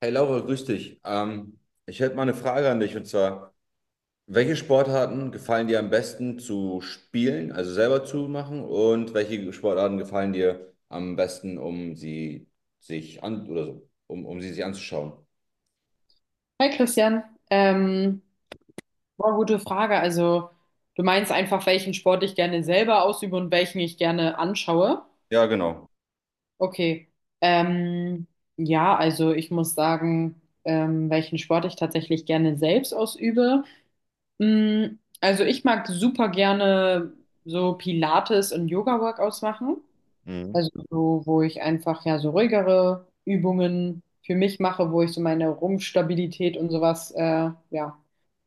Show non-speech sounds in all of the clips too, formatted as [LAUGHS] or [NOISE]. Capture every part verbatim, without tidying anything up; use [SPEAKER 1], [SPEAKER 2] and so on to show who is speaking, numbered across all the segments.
[SPEAKER 1] Hey Laura, grüß dich. Ähm, ich hätte mal eine Frage an dich, und zwar: Welche Sportarten gefallen dir am besten zu spielen, also selber zu machen, und welche Sportarten gefallen dir am besten, um sie sich an oder so, um, um sie sich anzuschauen?
[SPEAKER 2] Hi Christian, ähm, boah, gute Frage. Also du meinst einfach, welchen Sport ich gerne selber ausübe und welchen ich gerne anschaue?
[SPEAKER 1] Ja, genau.
[SPEAKER 2] Okay. Ähm, ja, also ich muss sagen, ähm, welchen Sport ich tatsächlich gerne selbst ausübe. Mm, also ich mag super gerne so Pilates und Yoga-Workouts machen.
[SPEAKER 1] Mhm.
[SPEAKER 2] Also so, wo ich einfach ja so ruhigere Übungen für mich mache, wo ich so meine Rumpfstabilität und sowas äh, ja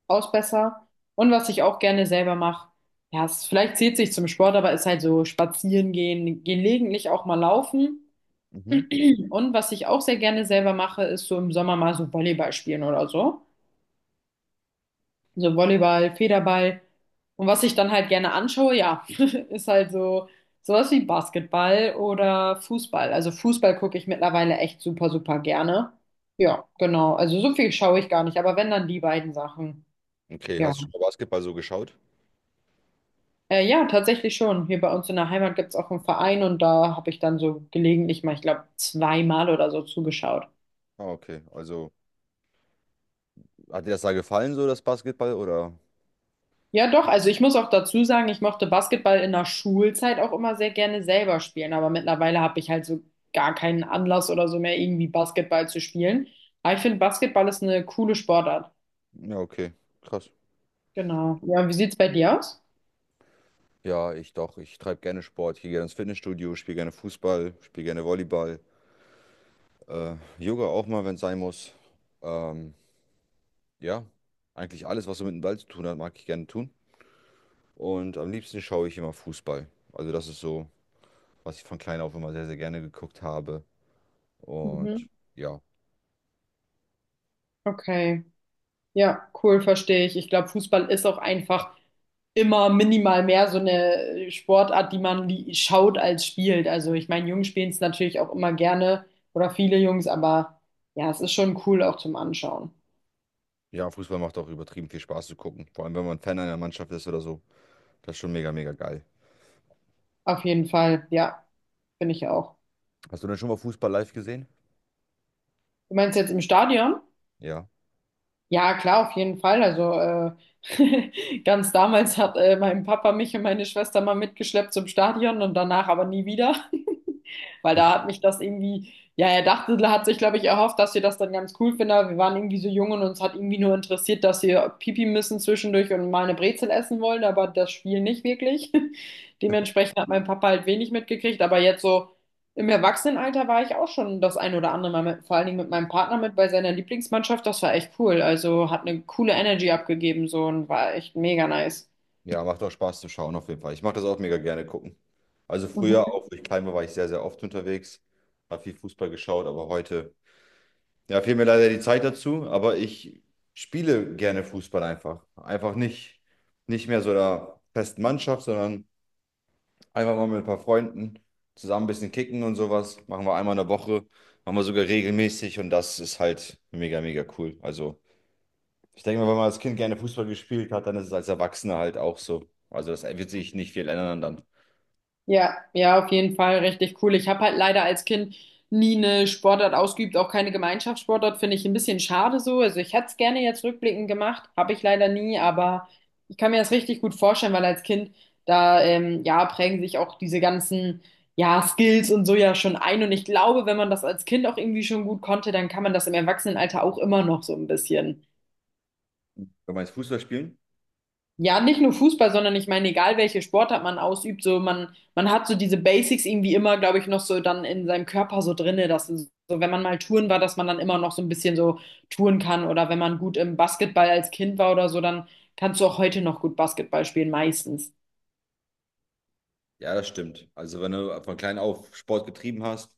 [SPEAKER 2] ausbesser. Und was ich auch gerne selber mache, ja, es, vielleicht zählt sich zum Sport, aber ist halt so spazieren gehen, gelegentlich auch mal laufen.
[SPEAKER 1] Mhm.
[SPEAKER 2] Und was ich auch sehr gerne selber mache, ist so im Sommer mal so Volleyball spielen oder so. So Volleyball, Federball. Und was ich dann halt gerne anschaue, ja, [LAUGHS] ist halt so sowas wie Basketball oder Fußball. Also Fußball gucke ich mittlerweile echt super, super gerne. Ja, genau. Also so viel schaue ich gar nicht, aber wenn dann die beiden Sachen.
[SPEAKER 1] Okay,
[SPEAKER 2] Ja.
[SPEAKER 1] hast du schon mal Basketball so geschaut?
[SPEAKER 2] Äh, ja, tatsächlich schon. Hier bei uns in der Heimat gibt es auch einen Verein und da habe ich dann so gelegentlich mal, ich glaube, zweimal oder so zugeschaut.
[SPEAKER 1] Ah, okay. Also, hat dir das da gefallen, so das Basketball, oder?
[SPEAKER 2] Ja, doch, also ich muss auch dazu sagen, ich mochte Basketball in der Schulzeit auch immer sehr gerne selber spielen, aber mittlerweile habe ich halt so gar keinen Anlass oder so mehr, irgendwie Basketball zu spielen. Aber ich finde, Basketball ist eine coole Sportart.
[SPEAKER 1] Ja, okay. Krass.
[SPEAKER 2] Genau. Ja, und wie sieht's bei dir aus?
[SPEAKER 1] Ja, ich doch. Ich treibe gerne Sport. Ich gehe gerne ins Fitnessstudio, spiele gerne Fußball, spiele gerne Volleyball. Äh, Yoga auch mal, wenn es sein muss. Ähm, ja, eigentlich alles, was so mit dem Ball zu tun hat, mag ich gerne tun. Und am liebsten schaue ich immer Fußball. Also das ist so, was ich von klein auf immer sehr, sehr gerne geguckt habe. Und
[SPEAKER 2] Mhm.
[SPEAKER 1] ja,
[SPEAKER 2] Okay. Ja, cool, verstehe ich. Ich glaube, Fußball ist auch einfach immer minimal mehr so eine Sportart, die man li- schaut als spielt. Also ich meine, Jungs spielen es natürlich auch immer gerne oder viele Jungs, aber ja, es ist schon cool auch zum Anschauen.
[SPEAKER 1] ja, Fußball macht auch übertrieben viel Spaß zu gucken. Vor allem, wenn man Fan einer Mannschaft ist oder so. Das ist schon mega, mega geil.
[SPEAKER 2] Auf jeden Fall, ja, finde ich auch.
[SPEAKER 1] Hast du denn schon mal Fußball live gesehen?
[SPEAKER 2] Du meinst jetzt im Stadion?
[SPEAKER 1] Ja.
[SPEAKER 2] Ja, klar, auf jeden Fall. Also äh, [LAUGHS] ganz damals hat äh, mein Papa mich und meine Schwester mal mitgeschleppt zum Stadion und danach aber nie wieder. Weil da hat mich das irgendwie, ja, er dachte, er hat sich, glaube ich, erhofft, dass wir das dann ganz cool finden, aber wir waren irgendwie so jung und uns hat irgendwie nur interessiert, dass wir Pipi müssen zwischendurch und mal eine Brezel essen wollen, aber das Spiel nicht wirklich. [LAUGHS] Dementsprechend hat mein Papa halt wenig mitgekriegt, aber jetzt so im Erwachsenenalter war ich auch schon das ein oder andere Mal mit, vor allen Dingen mit meinem Partner mit bei seiner Lieblingsmannschaft. Das war echt cool. Also hat eine coole Energy abgegeben so und war echt mega nice.
[SPEAKER 1] Ja, macht auch Spaß zu schauen, auf jeden Fall. Ich mache das auch mega gerne gucken. Also
[SPEAKER 2] Mhm.
[SPEAKER 1] früher, auch wo ich klein war, war ich sehr, sehr oft unterwegs, habe viel Fußball geschaut, aber heute ja, fehlt mir leider die Zeit dazu, aber ich spiele gerne Fußball einfach. Einfach nicht, nicht mehr so der festen Mannschaft, sondern einfach mal mit ein paar Freunden zusammen ein bisschen kicken und sowas. Machen wir einmal in der Woche, machen wir sogar regelmäßig, und das ist halt mega, mega cool. Also, ich denke mal, wenn man als Kind gerne Fußball gespielt hat, dann ist es als Erwachsener halt auch so. Also, das wird sich nicht viel ändern dann.
[SPEAKER 2] Ja, ja, auf jeden Fall richtig cool. Ich habe halt leider als Kind nie eine Sportart ausgeübt, auch keine Gemeinschaftssportart, finde ich ein bisschen schade so. Also ich hätte es gerne jetzt rückblickend gemacht, habe ich leider nie, aber ich kann mir das richtig gut vorstellen, weil als Kind, da ähm, ja, prägen sich auch diese ganzen ja, Skills und so ja schon ein. Und ich glaube, wenn man das als Kind auch irgendwie schon gut konnte, dann kann man das im Erwachsenenalter auch immer noch so ein bisschen.
[SPEAKER 1] Wenn man jetzt Fußball spielen?
[SPEAKER 2] Ja, nicht nur Fußball, sondern ich meine, egal welche Sportart man ausübt, so man, man hat so diese Basics irgendwie immer, glaube ich, noch so dann in seinem Körper so drinne, dass es so, wenn man mal touren war, dass man dann immer noch so ein bisschen so touren kann oder wenn man gut im Basketball als Kind war oder so, dann kannst du auch heute noch gut Basketball spielen, meistens.
[SPEAKER 1] Ja, das stimmt. Also, wenn du von klein auf Sport getrieben hast,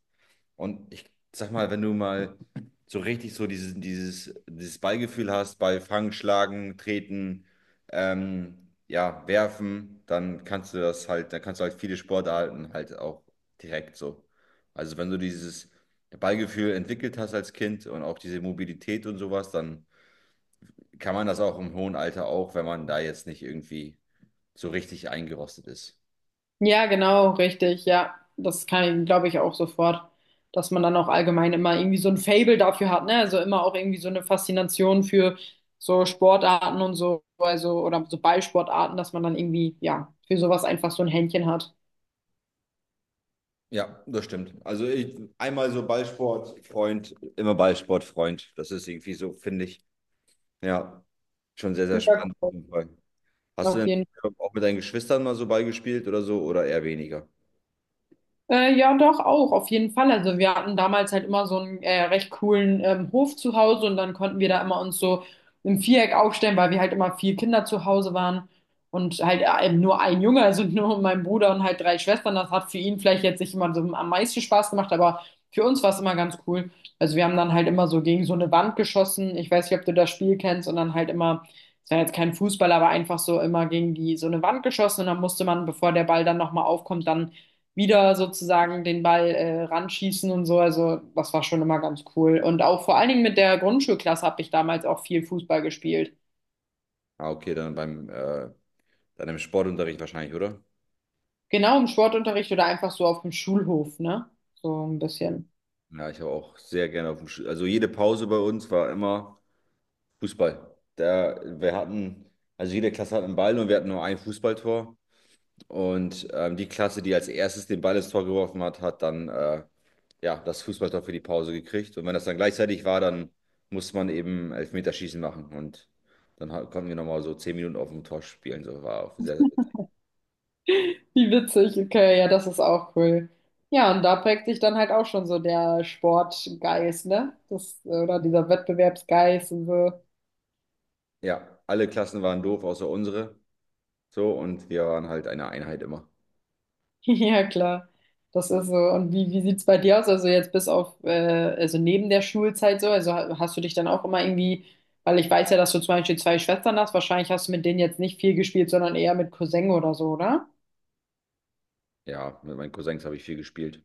[SPEAKER 1] und ich sag mal, wenn du mal so richtig so dieses, dieses, dieses Ballgefühl hast bei Fangen, Schlagen, Treten, ähm, ja, Werfen, dann kannst du das halt, dann kannst du halt viele Sportarten halt auch direkt so. Also wenn du dieses Ballgefühl entwickelt hast als Kind und auch diese Mobilität und sowas, dann kann man das auch im hohen Alter auch, wenn man da jetzt nicht irgendwie so richtig eingerostet ist.
[SPEAKER 2] Ja, genau, richtig. Ja, das kann ich, glaube ich, auch sofort, dass man dann auch allgemein immer irgendwie so ein Faible dafür hat, ne? Also immer auch irgendwie so eine Faszination für so Sportarten und so, also oder so Ballsportarten, dass man dann irgendwie, ja, für sowas einfach so ein Händchen hat.
[SPEAKER 1] Ja, das stimmt. Also ich, einmal so Ballsportfreund, immer Ballsportfreund. Das ist irgendwie so, finde ich. Ja, schon sehr, sehr
[SPEAKER 2] Ja,
[SPEAKER 1] spannend, auf
[SPEAKER 2] cool.
[SPEAKER 1] jeden Fall. Hast du
[SPEAKER 2] Auf
[SPEAKER 1] denn
[SPEAKER 2] jeden
[SPEAKER 1] auch mit deinen Geschwistern mal so Ball gespielt oder so, oder eher weniger?
[SPEAKER 2] Äh, ja, doch, auch, auf jeden Fall. Also wir hatten damals halt immer so einen äh, recht coolen ähm, Hof zu Hause und dann konnten wir da immer uns so im Viereck aufstellen, weil wir halt immer vier Kinder zu Hause waren und halt äh, eben nur ein Junge, also [LAUGHS] nur mein Bruder und halt drei Schwestern. Das hat für ihn vielleicht jetzt nicht immer so am meisten Spaß gemacht, aber für uns war es immer ganz cool. Also wir haben dann halt immer so gegen so eine Wand geschossen. Ich weiß nicht, ob du das Spiel kennst und dann halt immer, es war jetzt kein Fußball, aber einfach so immer gegen die so eine Wand geschossen und dann musste man, bevor der Ball dann nochmal aufkommt, dann wieder sozusagen den Ball äh, ranschießen und so. Also das war schon immer ganz cool. Und auch vor allen Dingen mit der Grundschulklasse habe ich damals auch viel Fußball gespielt.
[SPEAKER 1] Ah, okay, dann beim äh, dann im Sportunterricht wahrscheinlich, oder?
[SPEAKER 2] Genau im Sportunterricht oder einfach so auf dem Schulhof, ne? So ein bisschen.
[SPEAKER 1] Ja, ich habe auch sehr gerne auf dem Sch- Also jede Pause bei uns war immer Fußball. Da, wir hatten, also jede Klasse hat einen Ball und wir hatten nur ein Fußballtor. Und ähm, die Klasse, die als erstes den Ball ins Tor geworfen hat, hat dann äh, ja, das Fußballtor für die Pause gekriegt. Und wenn das dann gleichzeitig war, dann musste man eben Elfmeterschießen machen. Und dann ha- konnten wir nochmal so zehn Minuten auf dem Tor spielen. So war auch sehr, sehr witzig.
[SPEAKER 2] Wie witzig, okay, ja, das ist auch cool. Ja, und da prägt sich dann halt auch schon so der Sportgeist, ne? Das, oder dieser Wettbewerbsgeist und so.
[SPEAKER 1] Ja, alle Klassen waren doof, außer unsere. So, und wir waren halt eine Einheit immer.
[SPEAKER 2] [LAUGHS] Ja, klar. Das ist so. Und wie, wie sieht's bei dir aus? Also jetzt bis auf, äh, also neben der Schulzeit so, also ha- hast du dich dann auch immer irgendwie, weil ich weiß ja, dass du zum Beispiel zwei Schwestern hast, wahrscheinlich hast du mit denen jetzt nicht viel gespielt, sondern eher mit Cousin oder so, oder?
[SPEAKER 1] Ja, mit meinen Cousins habe ich viel gespielt.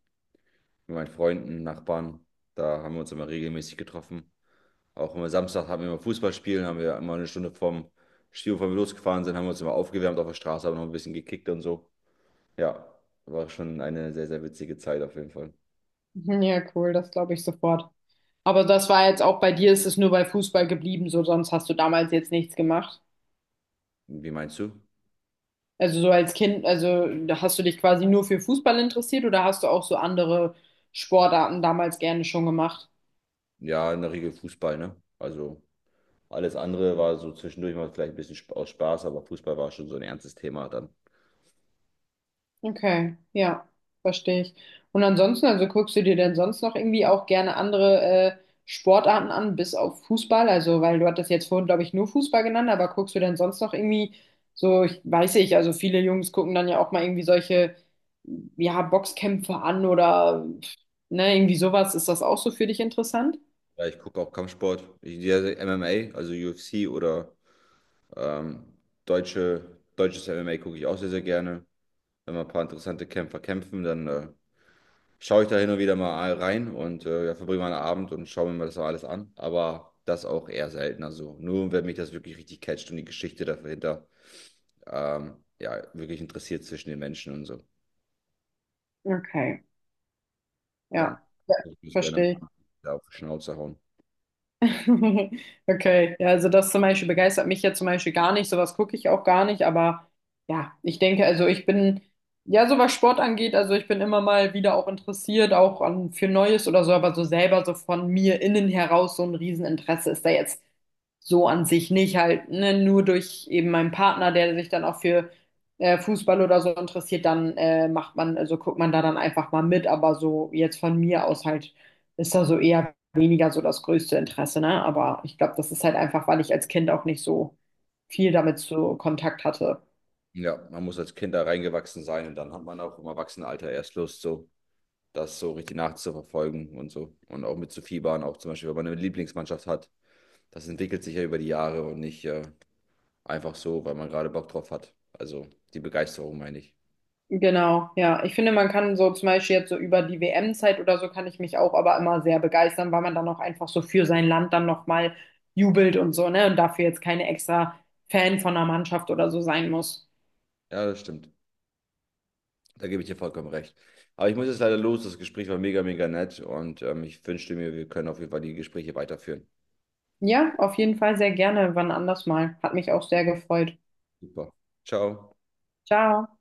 [SPEAKER 1] Mit meinen Freunden, Nachbarn. Da haben wir uns immer regelmäßig getroffen. Auch immer Samstag hatten wir immer Fußballspielen, haben wir immer eine Stunde vom Stil, bevor wir losgefahren sind, haben wir uns immer aufgewärmt auf der Straße, haben noch ein bisschen gekickt und so. Ja, war schon eine sehr, sehr witzige Zeit auf jeden Fall.
[SPEAKER 2] Mhm, ja, cool, das glaube ich sofort. Aber das war jetzt auch bei dir, ist es nur bei Fußball geblieben, so sonst hast du damals jetzt nichts gemacht.
[SPEAKER 1] Wie meinst du?
[SPEAKER 2] Also so als Kind, also da hast du dich quasi nur für Fußball interessiert oder hast du auch so andere Sportarten damals gerne schon gemacht?
[SPEAKER 1] Ja, in der Regel Fußball, ne? Also alles andere war so zwischendurch mal vielleicht ein bisschen sp- aus Spaß, aber Fußball war schon so ein ernstes Thema dann.
[SPEAKER 2] Okay, ja, verstehe ich. Und ansonsten, also guckst du dir denn sonst noch irgendwie auch gerne andere äh, Sportarten an, bis auf Fußball? Also, weil du hattest jetzt vorhin, glaube ich, nur Fußball genannt, aber guckst du denn sonst noch irgendwie so, ich weiß nicht, also viele Jungs gucken dann ja auch mal irgendwie solche, ja, Boxkämpfe an oder, ne, irgendwie sowas. Ist das auch so für dich interessant?
[SPEAKER 1] Ja, ich gucke auch Kampfsport, ich, ja, M M A, also U F C oder ähm, deutsche, deutsches M M A gucke ich auch sehr, sehr gerne. Wenn mal ein paar interessante Kämpfer kämpfen, dann äh, schaue ich da hin und wieder mal rein und äh, ja, verbringe mal einen Abend und schaue mir mal das so alles an. Aber das auch eher selten. Also nur, wenn mich das wirklich richtig catcht und die Geschichte dahinter ähm, ja, wirklich interessiert zwischen den Menschen und so,
[SPEAKER 2] Okay,
[SPEAKER 1] dann
[SPEAKER 2] ja, ja,
[SPEAKER 1] würde ich das gerne mal
[SPEAKER 2] verstehe ich.
[SPEAKER 1] an- da auf die Schnauze hauen.
[SPEAKER 2] [LAUGHS] Okay, ja, also das zum Beispiel begeistert mich ja zum Beispiel gar nicht, sowas gucke ich auch gar nicht, aber ja, ich denke, also ich bin, ja, so was Sport angeht, also ich bin immer mal wieder auch interessiert, auch an, für Neues oder so, aber so selber so von mir innen heraus so ein Rieseninteresse ist da jetzt so an sich nicht halt, ne, nur durch eben meinen Partner, der sich dann auch für äh, Fußball oder so interessiert, dann äh, macht man, also guckt man da dann einfach mal mit, aber so jetzt von mir aus halt ist da so eher weniger so das größte Interesse, ne? Aber ich glaube, das ist halt einfach, weil ich als Kind auch nicht so viel damit zu Kontakt hatte.
[SPEAKER 1] Ja, man muss als Kind da reingewachsen sein und dann hat man auch im Erwachsenenalter erst Lust, so das so richtig nachzuverfolgen und so. Und auch mit zu fiebern auch zum Beispiel, wenn man eine Lieblingsmannschaft hat. Das entwickelt sich ja über die Jahre und nicht äh, einfach so, weil man gerade Bock drauf hat. Also die Begeisterung meine ich.
[SPEAKER 2] Genau, ja. Ich finde, man kann so zum Beispiel jetzt so über die W M-Zeit oder so kann ich mich auch aber immer sehr begeistern, weil man dann auch einfach so für sein Land dann nochmal jubelt und so, ne? Und dafür jetzt keine extra Fan von einer Mannschaft oder so sein muss.
[SPEAKER 1] Ja, das stimmt. Da gebe ich dir vollkommen recht. Aber ich muss jetzt leider los. Das Gespräch war mega, mega nett und ähm, ich wünschte mir, wir können auf jeden Fall die Gespräche weiterführen.
[SPEAKER 2] Ja, auf jeden Fall sehr gerne, wann anders mal. Hat mich auch sehr gefreut.
[SPEAKER 1] Super. Ciao.
[SPEAKER 2] Ciao.